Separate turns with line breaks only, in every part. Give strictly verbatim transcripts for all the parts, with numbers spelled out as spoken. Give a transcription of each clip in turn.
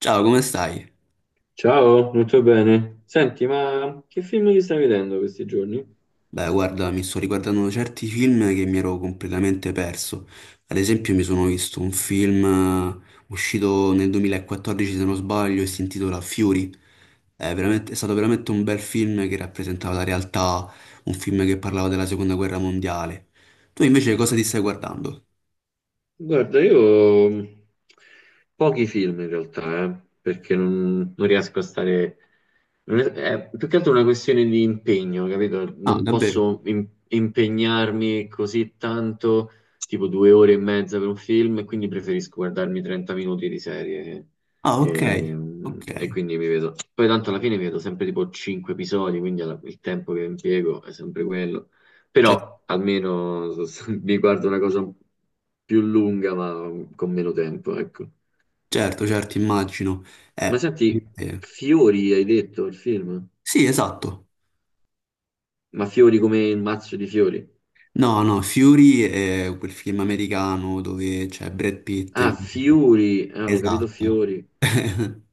Ciao, come stai?
Ciao, molto bene. Senti, ma che film ti stai vedendo questi giorni?
Beh, guarda, mi sto riguardando certi film che mi ero completamente perso. Ad esempio, mi sono visto un film eh, uscito nel duemilaquattordici, se non sbaglio, e si intitola Fury. È veramente- è stato veramente un bel film che rappresentava la realtà, un film che parlava della Seconda Guerra Mondiale. Tu invece cosa ti stai guardando?
Guarda, io mh, pochi film in realtà, eh, perché non, non riesco a stare. Non è, è più che altro una questione di impegno, capito?
Ah,
Non
davvero?
posso im- impegnarmi così tanto, tipo due ore e mezza per un film, e quindi preferisco guardarmi trenta minuti di serie.
Ah, ok,
E,
ok.
mh, e quindi mi vedo. Poi tanto alla fine mi vedo sempre tipo cinque episodi, quindi alla- il tempo che impiego è sempre quello.
Cer-
Però almeno mi guardo una cosa più lunga, ma con meno tempo, ecco.
certo, certo, immagino.
Ma
Eh,
senti,
eh,
Fiori hai detto il film?
sì, esatto.
Ma Fiori come il mazzo di fiori?
No, no, Fury è quel film americano dove c'è Brad Pitt.
Ah, Fiori, ah, ho capito
Esatto.
Fiori,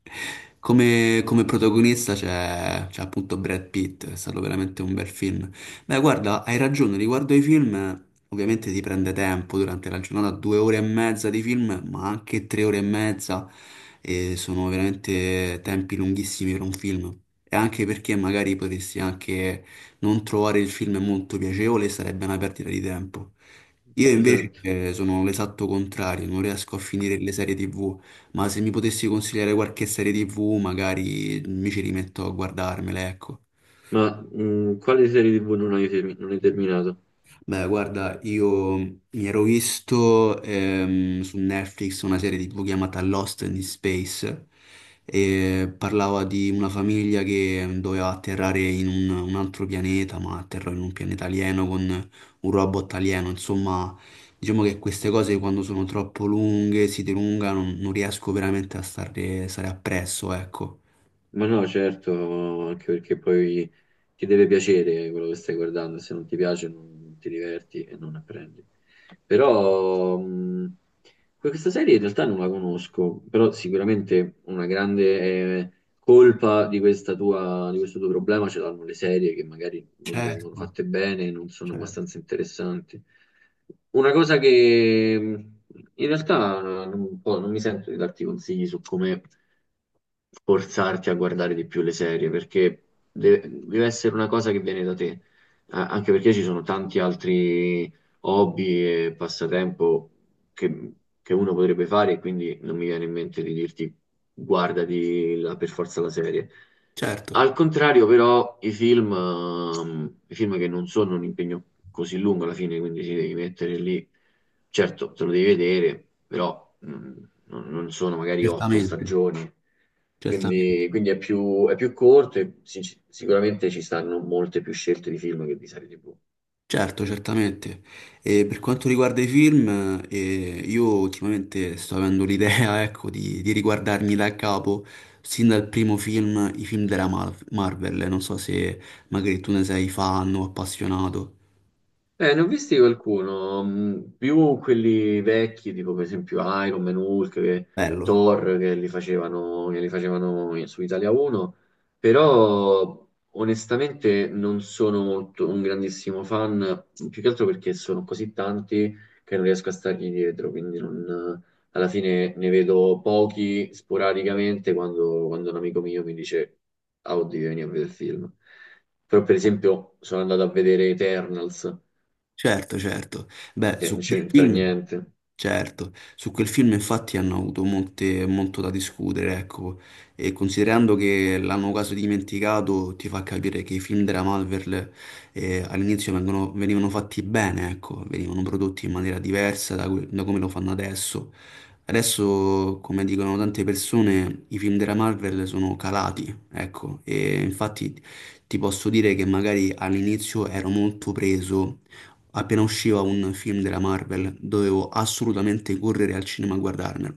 Come, come protagonista c'è c'è appunto Brad Pitt, è stato veramente un bel film. Beh, guarda, hai ragione, riguardo ai film, ovviamente si prende tempo durante la giornata, due ore e mezza di film, ma anche tre ore e mezza, e sono veramente tempi lunghissimi per un film. E anche perché magari potresti anche non trovare il film molto piacevole, sarebbe una perdita di tempo. Io invece
esatto.
eh, sono l'esatto contrario, non riesco a finire le serie ti vu. Ma se mi potessi consigliare qualche serie ti vu, magari mi ci rimetto a guardarmela, ecco.
Ma mh, quale serie tivù non hai, termi- non hai terminato?
Beh, guarda, io mi ero visto ehm, su Netflix una serie ti vu chiamata Lost in Space e parlava di una famiglia che doveva atterrare in un, un altro pianeta, ma atterrò in un pianeta alieno con un robot alieno. Insomma, diciamo che queste cose quando sono troppo lunghe, si dilungano, non riesco veramente a stare, stare appresso, ecco.
Ma no, certo, anche perché poi ti deve piacere quello che stai guardando, se non ti piace non ti diverti e non apprendi. Però mh, questa serie in realtà non la conosco, però sicuramente una grande eh, colpa di questa tua, di questo tuo problema ce l'hanno le serie che magari non vengono
Certo.
fatte bene, non sono
Certo,
abbastanza interessanti. Una cosa che mh, in realtà non, un po' non mi sento di darti consigli su come forzarti a guardare di più le serie, perché deve, deve essere una cosa che viene da te. A- anche perché ci sono tanti altri hobby e passatempo che, che uno potrebbe fare e quindi non mi viene in mente di dirti guardati la- per forza la serie.
certo,
Al contrario, però, i film, ehm, i film che non sono un impegno così lungo alla fine, quindi ti devi mettere lì, certo, te lo devi vedere, però mm, non, non sono magari otto
certamente,
stagioni,
certamente,
quindi, quindi è più, è più corto e sinc- sicuramente ci stanno molte più scelte di film che di serie T V.
certo, certamente. E per quanto riguarda i film, eh, io ultimamente sto avendo l'idea, ecco, di, di riguardarmi da capo, sin dal primo film, i film della Mar- Marvel. Non so se magari tu ne sei fan o appassionato.
Eh, ne ho visti qualcuno, mh, più quelli vecchi, tipo per esempio Iron Man, Hulk, che-
Bello,
Thor, che li facevano, che li facevano in- su Italia uno, però onestamente non sono molto, un grandissimo fan, più che altro perché sono così tanti che non riesco a stargli dietro, quindi non- alla fine ne vedo pochi sporadicamente quando, quando un amico mio mi dice, ah, oddio, vieni a vedere il film. Però per esempio sono andato a vedere Eternals
certo, certo. Beh,
che non
su quel
c'entra
film.
niente.
Certo, su quel film infatti hanno avuto molte- molto da discutere, ecco, e considerando che l'hanno quasi dimenticato, ti fa capire che i film della Marvel eh, all'inizio vengono- venivano fatti bene, ecco, venivano prodotti in maniera diversa da, que- da come lo fanno adesso. Adesso, come dicono tante persone, i film della Marvel sono calati, ecco, e infatti ti posso dire che magari all'inizio ero molto preso. Appena usciva un film della Marvel, dovevo assolutamente correre al cinema a guardarmelo.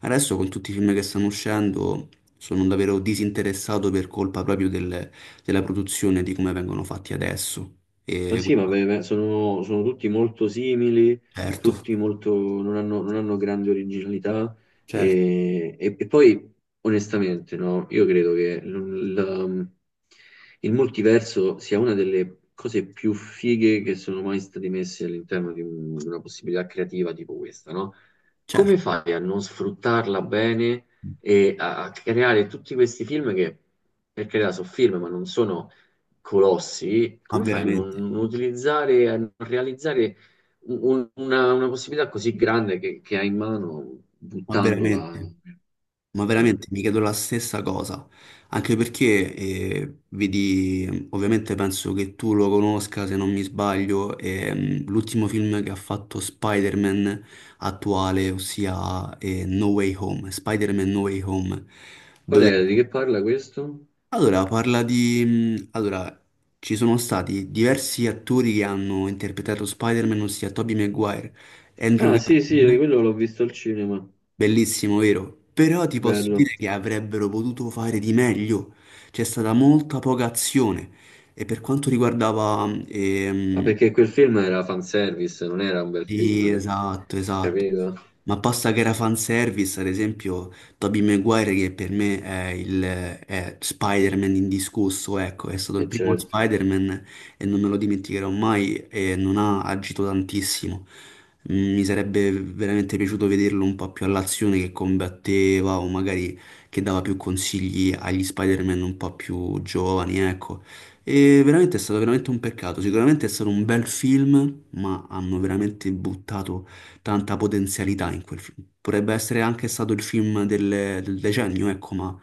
Adesso con tutti i film che stanno uscendo sono davvero disinteressato per colpa proprio del- della produzione, di come vengono fatti adesso.
Ma
E,
sì, ma beh, beh, sono, sono tutti molto simili,
certo,
tutti molto, non hanno, non hanno grande originalità
certo,
e, e- e poi onestamente no, io credo che l- la- il multiverso sia una delle cose più fighe che sono mai state messe all'interno di un- di una possibilità creativa tipo questa, no? Come
certo,
fai a non sfruttarla bene e a, a creare tutti questi film che, per carità, sono film, ma non sono colossi.
ma
Come fai a non,
veramente,
non utilizzare, a non realizzare un- una, una possibilità così grande che, che hai in mano
ma
buttandola?
veramente. Ma
Cioè,
veramente mi chiedo la stessa cosa, anche perché eh, vedi, ovviamente penso che tu lo conosca se non mi sbaglio, ehm, l'ultimo film che ha fatto Spider-Man attuale, ossia eh, No Way Home, Spider-Man No Way Home,
qual
dove
è? Di che parla questo?
allora parla di... mh, Allora, ci sono stati diversi attori che hanno interpretato Spider-Man, ossia Tobey Maguire, Andrew
Ah, sì, sì,
Garfield.
quello l'ho visto al cinema.
Bellissimo, vero? Però ti posso
Bello.
dire che avrebbero potuto fare di meglio. C'è stata molta poca azione. E per quanto riguardava
Ma
ehm,
perché quel film era fanservice, non era un bel
sì,
film, perché-
esatto, esatto.
capito?
Ma posta che era fanservice, ad esempio, Tobey Maguire, che per me è il è Spider-Man indiscusso, ecco, è stato
E
il primo
certo.
Spider-Man e non me lo dimenticherò mai e non ha agito tantissimo. Mm, Mi sarebbe veramente piaciuto vederlo un po' più all'azione che combatteva o magari che dava più consigli agli Spider-Man un po' più giovani, ecco. E veramente è stato veramente un peccato. Sicuramente è stato un bel film, ma hanno veramente buttato tanta potenzialità in quel film. Potrebbe essere anche stato il film del, del decennio, ecco, ma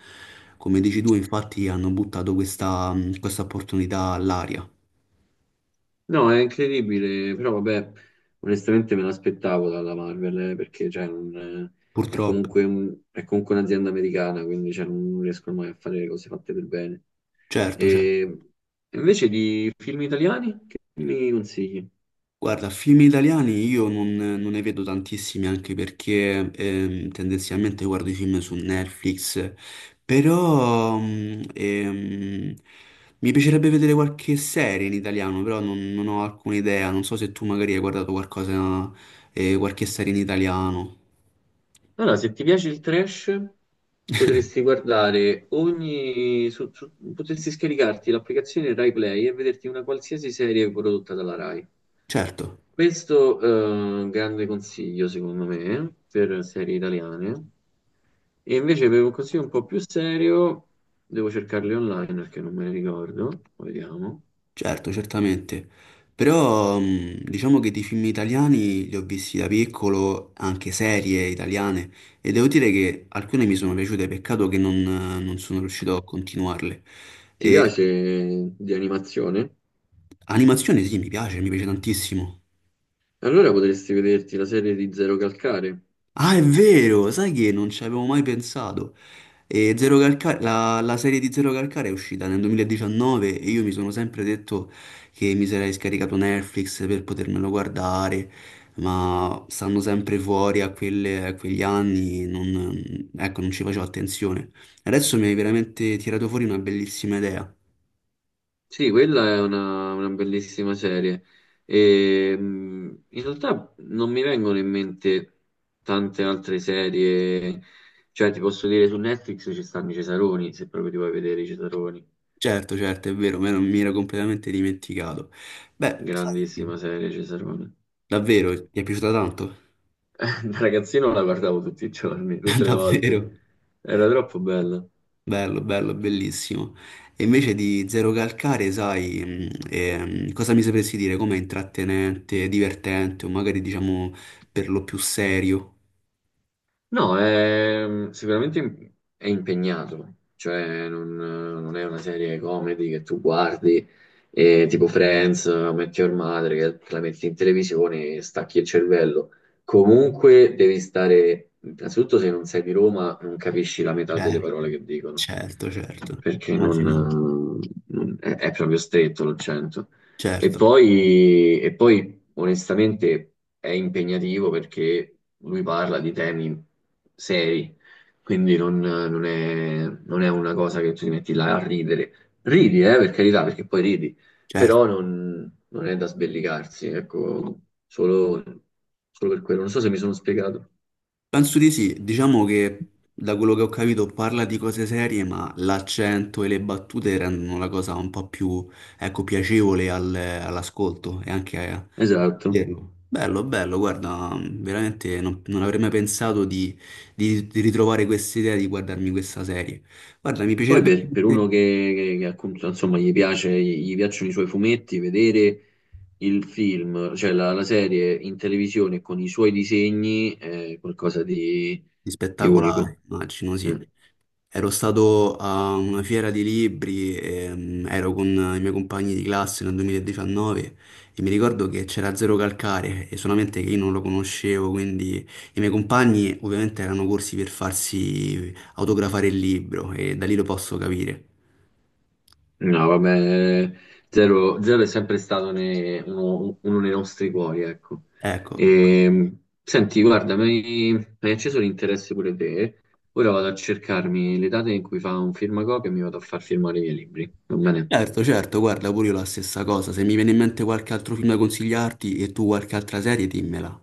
come dici tu, infatti hanno buttato questa, questa opportunità all'aria.
No, è incredibile, però vabbè, onestamente me l'aspettavo dalla Marvel, eh, perché cioè, non, eh, è
Purtroppo.
comunque un- è comunque un'azienda americana, quindi cioè, non riescono mai a fare le cose fatte per bene.
Certo, certo.
E invece di film italiani, che mi consigli?
Guarda, film italiani io non, non ne vedo tantissimi anche perché ehm, tendenzialmente guardo i film su Netflix, però mm, ehm, mi piacerebbe vedere qualche serie in italiano, però non, non ho alcuna idea, non so se tu magari hai guardato qualcosa, eh, qualche serie in italiano.
Allora, se ti piace il trash, potresti guardare ogni... su- su- potresti scaricarti l'applicazione Rai Play e vederti una qualsiasi serie prodotta dalla Rai.
Certo.
Questo è un grande consiglio, secondo me, per serie italiane. E invece per un consiglio un po' più serio, devo cercarle online perché non me ne ricordo. Vediamo.
Certo, certamente. Però mh, diciamo che di film italiani li ho visti da piccolo, anche serie italiane, e devo dire che alcune mi sono piaciute, peccato che non, non sono riuscito a continuarle.
Ti piace di animazione?
Animazione sì, mi piace, mi piace tantissimo.
Allora potresti vederti la serie di Zero Calcare.
Ah, è vero, sai che non ci avevo mai pensato. E Zero Calcare, la, la serie di Zero Calcare è uscita nel duemiladiciannove e io mi sono sempre detto che mi sarei scaricato Netflix per potermelo guardare, ma stando sempre fuori a, quelle- a quegli anni non, ecco, non ci facevo attenzione. Adesso mi hai veramente tirato fuori una bellissima idea.
Sì, quella è una, una bellissima serie. E, mh, in realtà non mi vengono in mente tante altre serie. Cioè, ti posso dire, su Netflix ci stanno i Cesaroni, se proprio ti vuoi vedere i Cesaroni.
Certo, certo, è vero, me non- mi ero completamente dimenticato. Beh, sai,
Grandissima serie, Cesaroni.
davvero, ti è piaciuta tanto?
Da ragazzino la guardavo tutti i giorni, tutte le volte.
Davvero.
Era troppo bella.
Bello, bello, bellissimo. E invece di Zero Calcare, sai, mh, ehm, cosa mi sapresti dire? Com'è intrattenente, divertente o magari diciamo per lo più serio?
No, è- sicuramente im- è impegnato, cioè non, non è una serie comedy che tu guardi e tipo Friends, metti Your Mother, che te la metti in televisione e stacchi il cervello. Comunque devi stare, innanzitutto se non sei di Roma non capisci la metà delle
Certo,
parole che dicono,
certo, certo.
perché non,
Immaginavo.
non- è, è proprio stretto l'accento. E
Certo,
poi, e poi, onestamente, è impegnativo perché lui parla di temi seri, quindi non, non è, non è una cosa che tu ti metti là a ridere. Ridi, eh, per carità, perché poi ridi,
certo.
però non, non è da sbellicarsi, ecco, solo, solo per quello. Non so se mi sono spiegato.
Penso di sì, diciamo che da quello che ho capito parla di cose serie, ma l'accento e le battute rendono la cosa un po' più, ecco, piacevole al- all'ascolto e anche a-
Esatto.
Vero. Bello, bello, guarda, veramente non, non avrei mai pensato di, di- di ritrovare questa idea di guardarmi questa serie. Guarda, mi
Poi
piacerebbe
per, per uno
veramente-
che, che- che appunto, insomma, gli piace, gli gli piacciono i suoi fumetti, vedere il film, cioè la, la serie in televisione con i suoi disegni è qualcosa di,
di
di
spettacolare,
unico.
immagino, sì.
Mm.
Ero stato a una fiera di libri, ehm, ero con i miei compagni di classe nel duemiladiciannove e mi ricordo che c'era Zero Calcare e solamente che io non lo conoscevo, quindi i miei compagni ovviamente erano corsi per farsi autografare il libro e da lì lo posso capire.
No, vabbè, Zero, Zero è sempre stato ne- uno, uno dei nostri cuori, ecco.
Ecco.
E, senti, guarda, mi mi hai acceso l'interesse pure te. Ora vado a cercarmi le date in cui fa un firmacopia e mi vado a far firmare i miei libri. Va bene?
Certo, certo, guarda, pure io la stessa cosa. Se mi viene in mente qualche altro film da consigliarti e tu qualche altra serie, dimmela.